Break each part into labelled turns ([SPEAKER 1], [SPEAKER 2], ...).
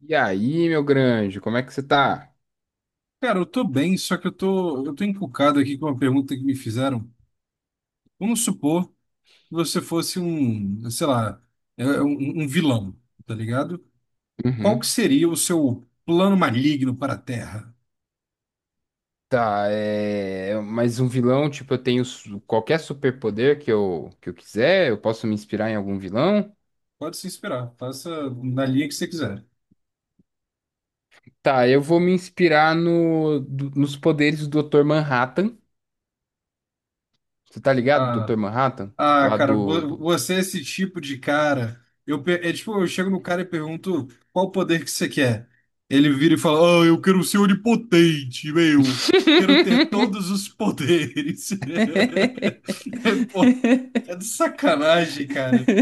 [SPEAKER 1] E aí, meu grande, como é que você tá?
[SPEAKER 2] Cara, eu tô bem, só que eu tô encucado aqui com uma pergunta que me fizeram. Vamos supor que você fosse um, sei lá, um vilão, tá ligado? Qual que
[SPEAKER 1] Uhum.
[SPEAKER 2] seria o seu plano maligno para a Terra?
[SPEAKER 1] Tá, é. Mas um vilão, tipo, qualquer superpoder que eu quiser, eu posso me inspirar em algum vilão?
[SPEAKER 2] Pode se inspirar, faça na linha que você quiser.
[SPEAKER 1] Tá, eu vou me inspirar no, do- nos poderes do Dr. Manhattan. Você tá ligado,
[SPEAKER 2] A
[SPEAKER 1] Dr. Manhattan?
[SPEAKER 2] Ah,
[SPEAKER 1] Lá
[SPEAKER 2] cara,
[SPEAKER 1] do,
[SPEAKER 2] vo-
[SPEAKER 1] do...
[SPEAKER 2] você é esse tipo de cara. É tipo, eu chego no cara e pergunto qual poder que você quer. Ele vira e fala: Ah, eu quero ser onipotente, meu. Quero ter todos os poderes. É, pô, é de sacanagem, cara.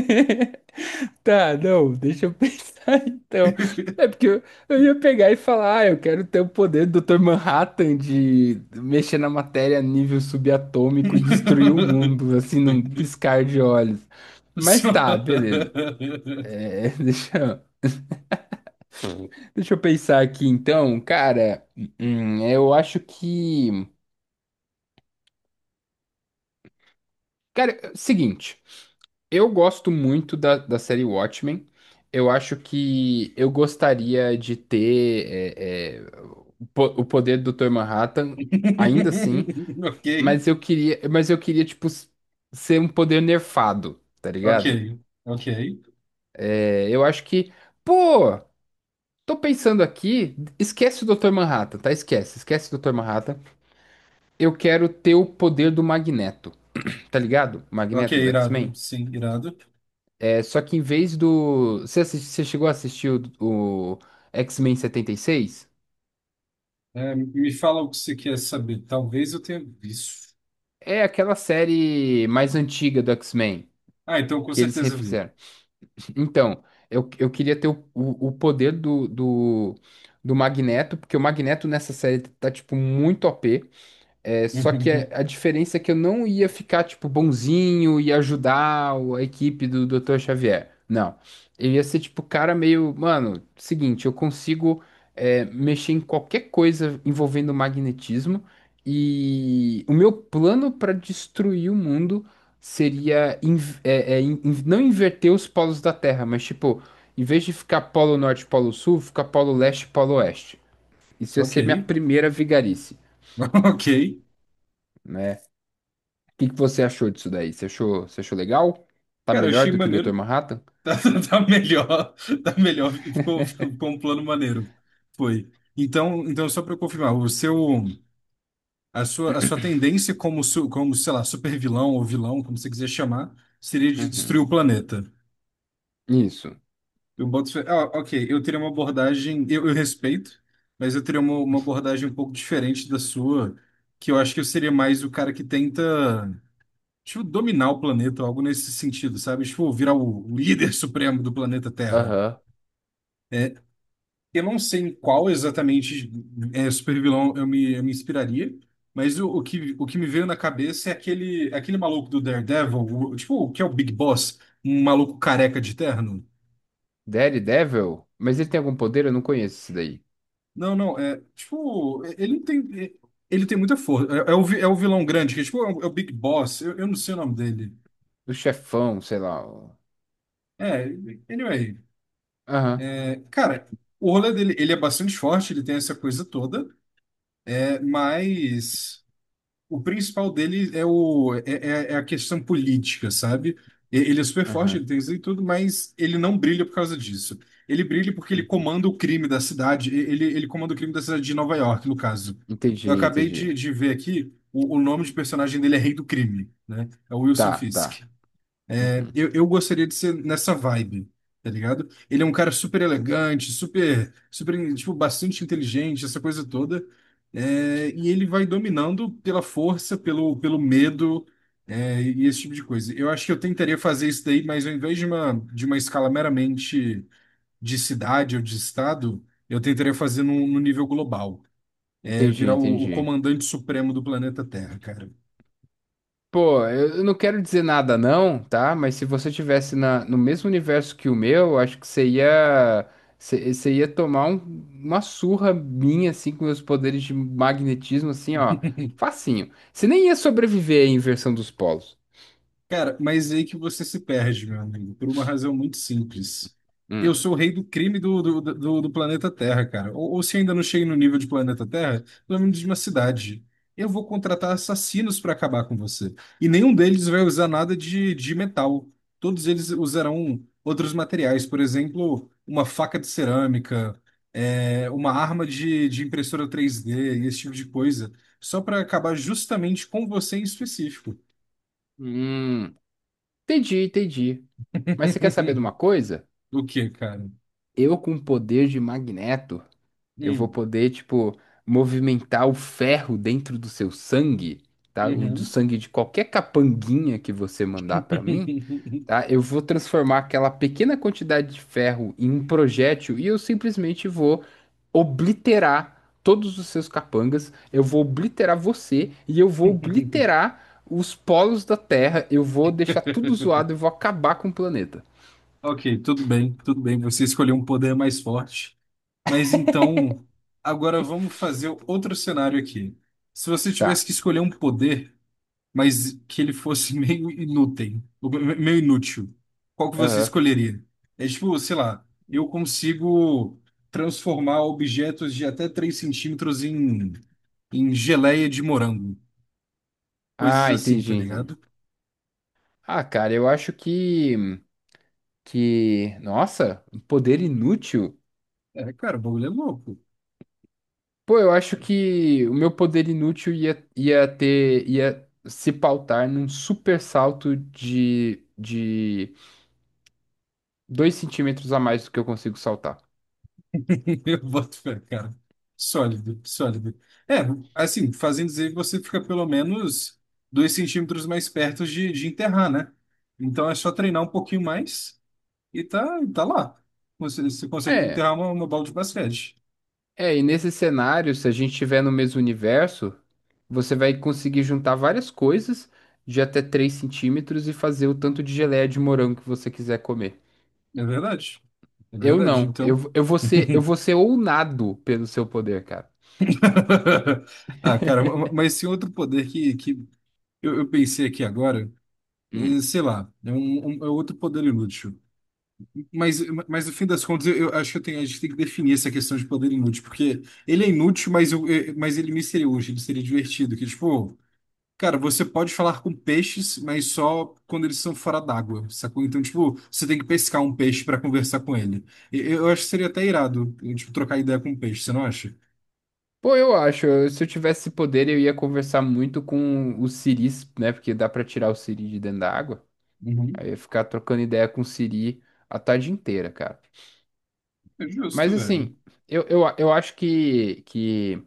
[SPEAKER 1] Tá, não, deixa eu pensar então. É porque eu, eu ia pegar e falar, ah, eu quero ter o poder do Dr. Manhattan de mexer na matéria a nível subatômico e destruir o mundo, assim, num piscar de olhos. Mas
[SPEAKER 2] Só-
[SPEAKER 1] tá, beleza. É, deixa eu pensar aqui então, cara. Eu acho que. Cara, é o seguinte. Eu gosto muito da série Watchmen. Eu acho que eu gostaria de ter o poder do Dr. Manhattan, ainda assim,
[SPEAKER 2] Ok,
[SPEAKER 1] mas eu queria, ser um poder nerfado, tá
[SPEAKER 2] ok,
[SPEAKER 1] ligado?
[SPEAKER 2] ok.
[SPEAKER 1] É, eu acho que, pô, tô pensando aqui, esquece o Dr. Manhattan, tá? Esquece o Dr. Manhattan. Eu quero ter o poder do Magneto, tá ligado?
[SPEAKER 2] Ok,
[SPEAKER 1] Magneto do X-Men.
[SPEAKER 2] irado. Sim, irado.
[SPEAKER 1] É só que em vez do. Você, você chegou a assistir o X-Men 76?
[SPEAKER 2] É, me fala o que você quer saber. Talvez eu tenha visto.
[SPEAKER 1] É aquela série mais antiga do X-Men
[SPEAKER 2] Ah, então com
[SPEAKER 1] que eles
[SPEAKER 2] certeza vi.
[SPEAKER 1] refizeram. Então, eu queria ter o poder do Magneto, porque o Magneto nessa série tá, tipo, muito O p. É, só que a,
[SPEAKER 2] Uhum.
[SPEAKER 1] a diferença é que eu não ia ficar, tipo, bonzinho e ajudar a equipe do Dr. Xavier. Não. Eu ia ser, tipo, cara meio. Mano, seguinte, eu consigo mexer em qualquer coisa envolvendo magnetismo. E o meu plano para destruir o mundo seria não inverter os polos da Terra, mas, tipo, em vez de ficar polo norte, polo sul, ficar polo leste, polo oeste. Isso ia
[SPEAKER 2] Ok,
[SPEAKER 1] ser minha primeira vigarice.
[SPEAKER 2] ok.
[SPEAKER 1] Né? Que você achou disso daí? Você achou legal? Tá
[SPEAKER 2] Cara, eu
[SPEAKER 1] melhor
[SPEAKER 2] achei
[SPEAKER 1] do que o Dr.
[SPEAKER 2] maneiro.
[SPEAKER 1] Manhattan?
[SPEAKER 2] Tá melhor, tá melhor. Ficou um plano maneiro. Foi. Então, só para confirmar, o seu, a sua tendência como, sei lá, super vilão ou vilão, como você quiser chamar, seria de
[SPEAKER 1] Uhum.
[SPEAKER 2] destruir o planeta.
[SPEAKER 1] Isso.
[SPEAKER 2] Ah, ok, eu teria uma abordagem, eu respeito, mas eu teria uma abordagem um pouco diferente da sua, que eu acho que eu seria mais o cara que tenta. Tipo, dominar o planeta, algo nesse sentido, sabe? Tipo, virar o líder supremo do planeta Terra.
[SPEAKER 1] Aham.
[SPEAKER 2] É, eu não sei em qual exatamente supervilão eu me inspiraria, mas o que me veio na cabeça é aquele maluco do Daredevil, tipo, o que é o Big Boss, um maluco careca de terno.
[SPEAKER 1] Daredevil? Mas ele tem algum poder? Eu não conheço esse daí.
[SPEAKER 2] Não, não, é, tipo, ele não tem, ele tem muita força. É o vilão grande, que é, tipo, é o Big Boss, eu não sei o nome dele.
[SPEAKER 1] O chefão, sei lá.
[SPEAKER 2] É, anyway.
[SPEAKER 1] Aham,
[SPEAKER 2] É, cara, o rolê dele, ele é bastante forte, ele tem essa coisa toda, mas o principal dele é a questão política, sabe? Ele é super forte,
[SPEAKER 1] aham.
[SPEAKER 2] ele tem isso e tudo, mas ele não brilha por causa disso. Ele brilha porque ele
[SPEAKER 1] Uhum.
[SPEAKER 2] comanda o crime da cidade, ele comanda o crime da cidade de Nova York, no caso.
[SPEAKER 1] Entendi,
[SPEAKER 2] Eu acabei de,
[SPEAKER 1] entendi.
[SPEAKER 2] de ver aqui, o nome de personagem dele é Rei do Crime, né? É o Wilson
[SPEAKER 1] Tá, tá.
[SPEAKER 2] Fisk.
[SPEAKER 1] Uhum.
[SPEAKER 2] Eu gostaria de ser nessa vibe, tá ligado? Ele é um cara super elegante, super, super, tipo, bastante inteligente, essa coisa toda. É, e ele vai dominando pela força, pelo medo, e esse tipo de coisa. Eu acho que eu tentaria fazer isso daí, mas ao invés de uma escala meramente de cidade ou de estado, eu tentaria fazer num nível global. É,
[SPEAKER 1] Entendi,
[SPEAKER 2] virar o
[SPEAKER 1] entendi.
[SPEAKER 2] comandante supremo do planeta Terra, cara.
[SPEAKER 1] Pô, eu não quero dizer nada não, tá? Mas se você tivesse no mesmo universo que o meu, eu acho que você ia, você ia tomar uma surra minha, assim, com meus poderes de magnetismo, assim, ó. Facinho. Você nem ia sobreviver à inversão dos polos.
[SPEAKER 2] Cara, mas é aí que você se perde, meu amigo, por uma razão muito simples. Eu
[SPEAKER 1] Hum.
[SPEAKER 2] sou o rei do crime do planeta Terra, cara. Ou se ainda não cheguei no nível de planeta Terra, pelo menos de uma cidade. Eu vou contratar assassinos para acabar com você. E nenhum deles vai usar nada de metal. Todos eles usarão outros materiais, por exemplo, uma faca de cerâmica, uma arma de impressora 3D e esse tipo de coisa. Só para acabar justamente com você em específico.
[SPEAKER 1] Hum. Entendi, entendi. Mas você quer saber de uma coisa?
[SPEAKER 2] O que, cara?
[SPEAKER 1] Eu com poder de magneto. Eu vou
[SPEAKER 2] Hum,
[SPEAKER 1] poder, tipo, movimentar o ferro dentro do seu sangue, tá? O do
[SPEAKER 2] uhum.
[SPEAKER 1] sangue de qualquer capanguinha que você mandar pra mim, tá? Eu vou transformar aquela pequena quantidade de ferro em um projétil e eu simplesmente vou obliterar todos os seus capangas. Eu vou obliterar você e eu vou obliterar os polos da Terra. Eu vou deixar tudo zoado, eu vou acabar com o planeta.
[SPEAKER 2] Ok, tudo bem, tudo bem. Você escolheu um poder mais forte. Mas então, agora vamos fazer outro cenário aqui. Se você tivesse
[SPEAKER 1] Tá.
[SPEAKER 2] que escolher um poder, mas que ele fosse meio inútil, qual que você
[SPEAKER 1] Aham.
[SPEAKER 2] escolheria? É tipo, sei lá, eu consigo transformar objetos de até 3 cm em geleia de morango. Coisas
[SPEAKER 1] Ah,
[SPEAKER 2] assim, tá
[SPEAKER 1] entendi, entendi.
[SPEAKER 2] ligado?
[SPEAKER 1] Ah, cara, eu acho que. Que, nossa, um poder inútil?
[SPEAKER 2] É, cara, o bagulho é louco.
[SPEAKER 1] Pô, eu acho que o meu poder inútil ia se pautar num super salto de 2 centímetros a mais do que eu consigo saltar.
[SPEAKER 2] Eu boto fé, cara. Sólido, sólido. É, assim, fazendo dizer que você fica pelo menos 2 cm mais perto de enterrar, né? Então é só treinar um pouquinho mais e tá lá. Você consegue
[SPEAKER 1] É,
[SPEAKER 2] enterrar uma bola de basquete.
[SPEAKER 1] e nesse cenário, se a gente estiver no mesmo universo, você vai conseguir juntar várias coisas de até 3 centímetros e fazer o tanto de geleia de morango que você quiser comer.
[SPEAKER 2] É verdade. É
[SPEAKER 1] Eu
[SPEAKER 2] verdade,
[SPEAKER 1] não,
[SPEAKER 2] então.
[SPEAKER 1] eu vou ser ounado pelo seu poder, cara.
[SPEAKER 2] Ah, cara, mas esse outro poder que eu pensei aqui agora, sei lá, é outro poder inútil. Mas, mas, no fim das contas, eu acho que a gente tem que definir essa questão de poder inútil, porque ele é inútil, mas ele me seria útil, ele seria divertido. Que, tipo, cara, você pode falar com peixes, mas só quando eles estão fora d'água, sacou? Então, tipo, você tem que pescar um peixe para conversar com ele. Eu, acho que seria até irado, tipo, trocar ideia com um peixe, você não acha?
[SPEAKER 1] Pô, se eu tivesse poder, eu ia conversar muito com o siris, né? Porque dá pra tirar o siri de dentro da água.
[SPEAKER 2] Uhum.
[SPEAKER 1] Aí eu ia ficar trocando ideia com o siri a tarde inteira, cara.
[SPEAKER 2] É
[SPEAKER 1] Mas
[SPEAKER 2] justo, velho.
[SPEAKER 1] assim, eu acho que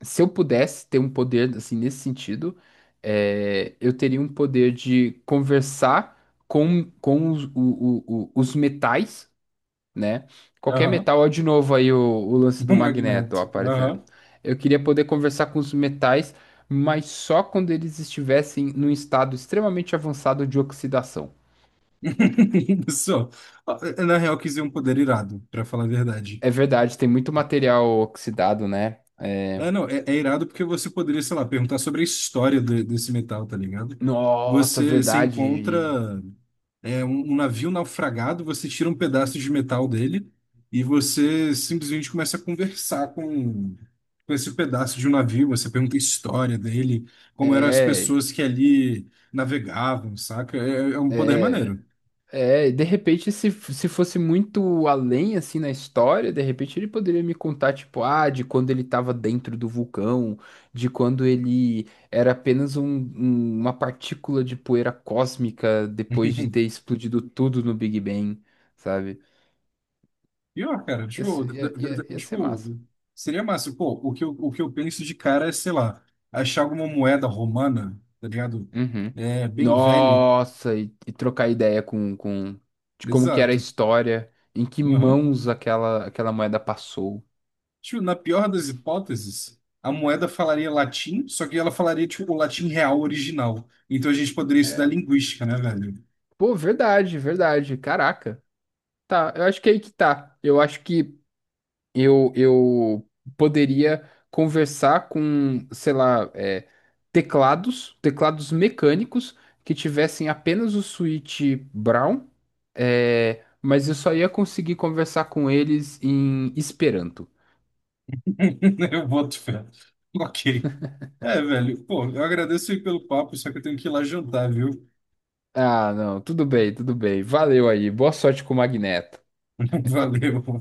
[SPEAKER 1] se eu pudesse ter um poder, assim, nesse sentido, é, eu teria um poder de conversar com os, o- os metais. Né? Qualquer
[SPEAKER 2] Aham.
[SPEAKER 1] metal, ó, de novo aí o lance do
[SPEAKER 2] Um
[SPEAKER 1] magneto, ó,
[SPEAKER 2] magneto.
[SPEAKER 1] aparecendo.
[SPEAKER 2] Aham.
[SPEAKER 1] Eu queria poder conversar com os metais, mas só quando eles estivessem num estado extremamente avançado de oxidação.
[SPEAKER 2] Só. Ah, na real, eu quis dizer um poder irado, para falar a verdade.
[SPEAKER 1] É verdade, tem muito material oxidado, né? É...
[SPEAKER 2] É, não, é irado porque você poderia, sei lá, perguntar sobre a história desse metal, tá ligado?
[SPEAKER 1] Nossa,
[SPEAKER 2] Você
[SPEAKER 1] verdade.
[SPEAKER 2] encontra um navio naufragado, você tira um pedaço de metal dele e você simplesmente começa a conversar com esse pedaço de um navio. Você pergunta a história dele, como eram as
[SPEAKER 1] É,
[SPEAKER 2] pessoas que ali navegavam, saca? É um poder
[SPEAKER 1] é.
[SPEAKER 2] maneiro.
[SPEAKER 1] É, e de repente, se fosse muito além, assim, na história, de repente ele poderia me contar, tipo, ah, de quando ele estava dentro do vulcão, de quando ele era apenas uma partícula de poeira cósmica depois de ter explodido tudo no Big Bang, sabe?
[SPEAKER 2] E, ó, cara, tipo,
[SPEAKER 1] Ia ser
[SPEAKER 2] tipo,
[SPEAKER 1] massa.
[SPEAKER 2] seria massa. Pô, o que eu penso de cara é, sei lá, achar alguma moeda romana, tá ligado?
[SPEAKER 1] Uhum.
[SPEAKER 2] É, bem velha.
[SPEAKER 1] Nossa, e trocar ideia com de como que era a
[SPEAKER 2] Exato.
[SPEAKER 1] história, em que
[SPEAKER 2] Uhum.
[SPEAKER 1] mãos aquela moeda passou.
[SPEAKER 2] Tipo, na pior das hipóteses, a moeda falaria latim, só que ela falaria, tipo, o latim real original. Então a gente poderia estudar
[SPEAKER 1] É,
[SPEAKER 2] linguística, né, velho?
[SPEAKER 1] pô, verdade, verdade. Caraca. Tá, eu acho que é aí que tá. Eu acho que eu poderia conversar com, sei lá, é, teclados mecânicos que tivessem apenas o switch Brown, é, mas eu só ia conseguir conversar com eles em Esperanto.
[SPEAKER 2] Eu boto fé. Ok. É, velho. Pô, eu agradeço aí pelo papo, só que eu tenho que ir lá jantar, viu?
[SPEAKER 1] Ah, não, tudo bem, tudo bem. Valeu aí. Boa sorte com o Magneto.
[SPEAKER 2] Valeu.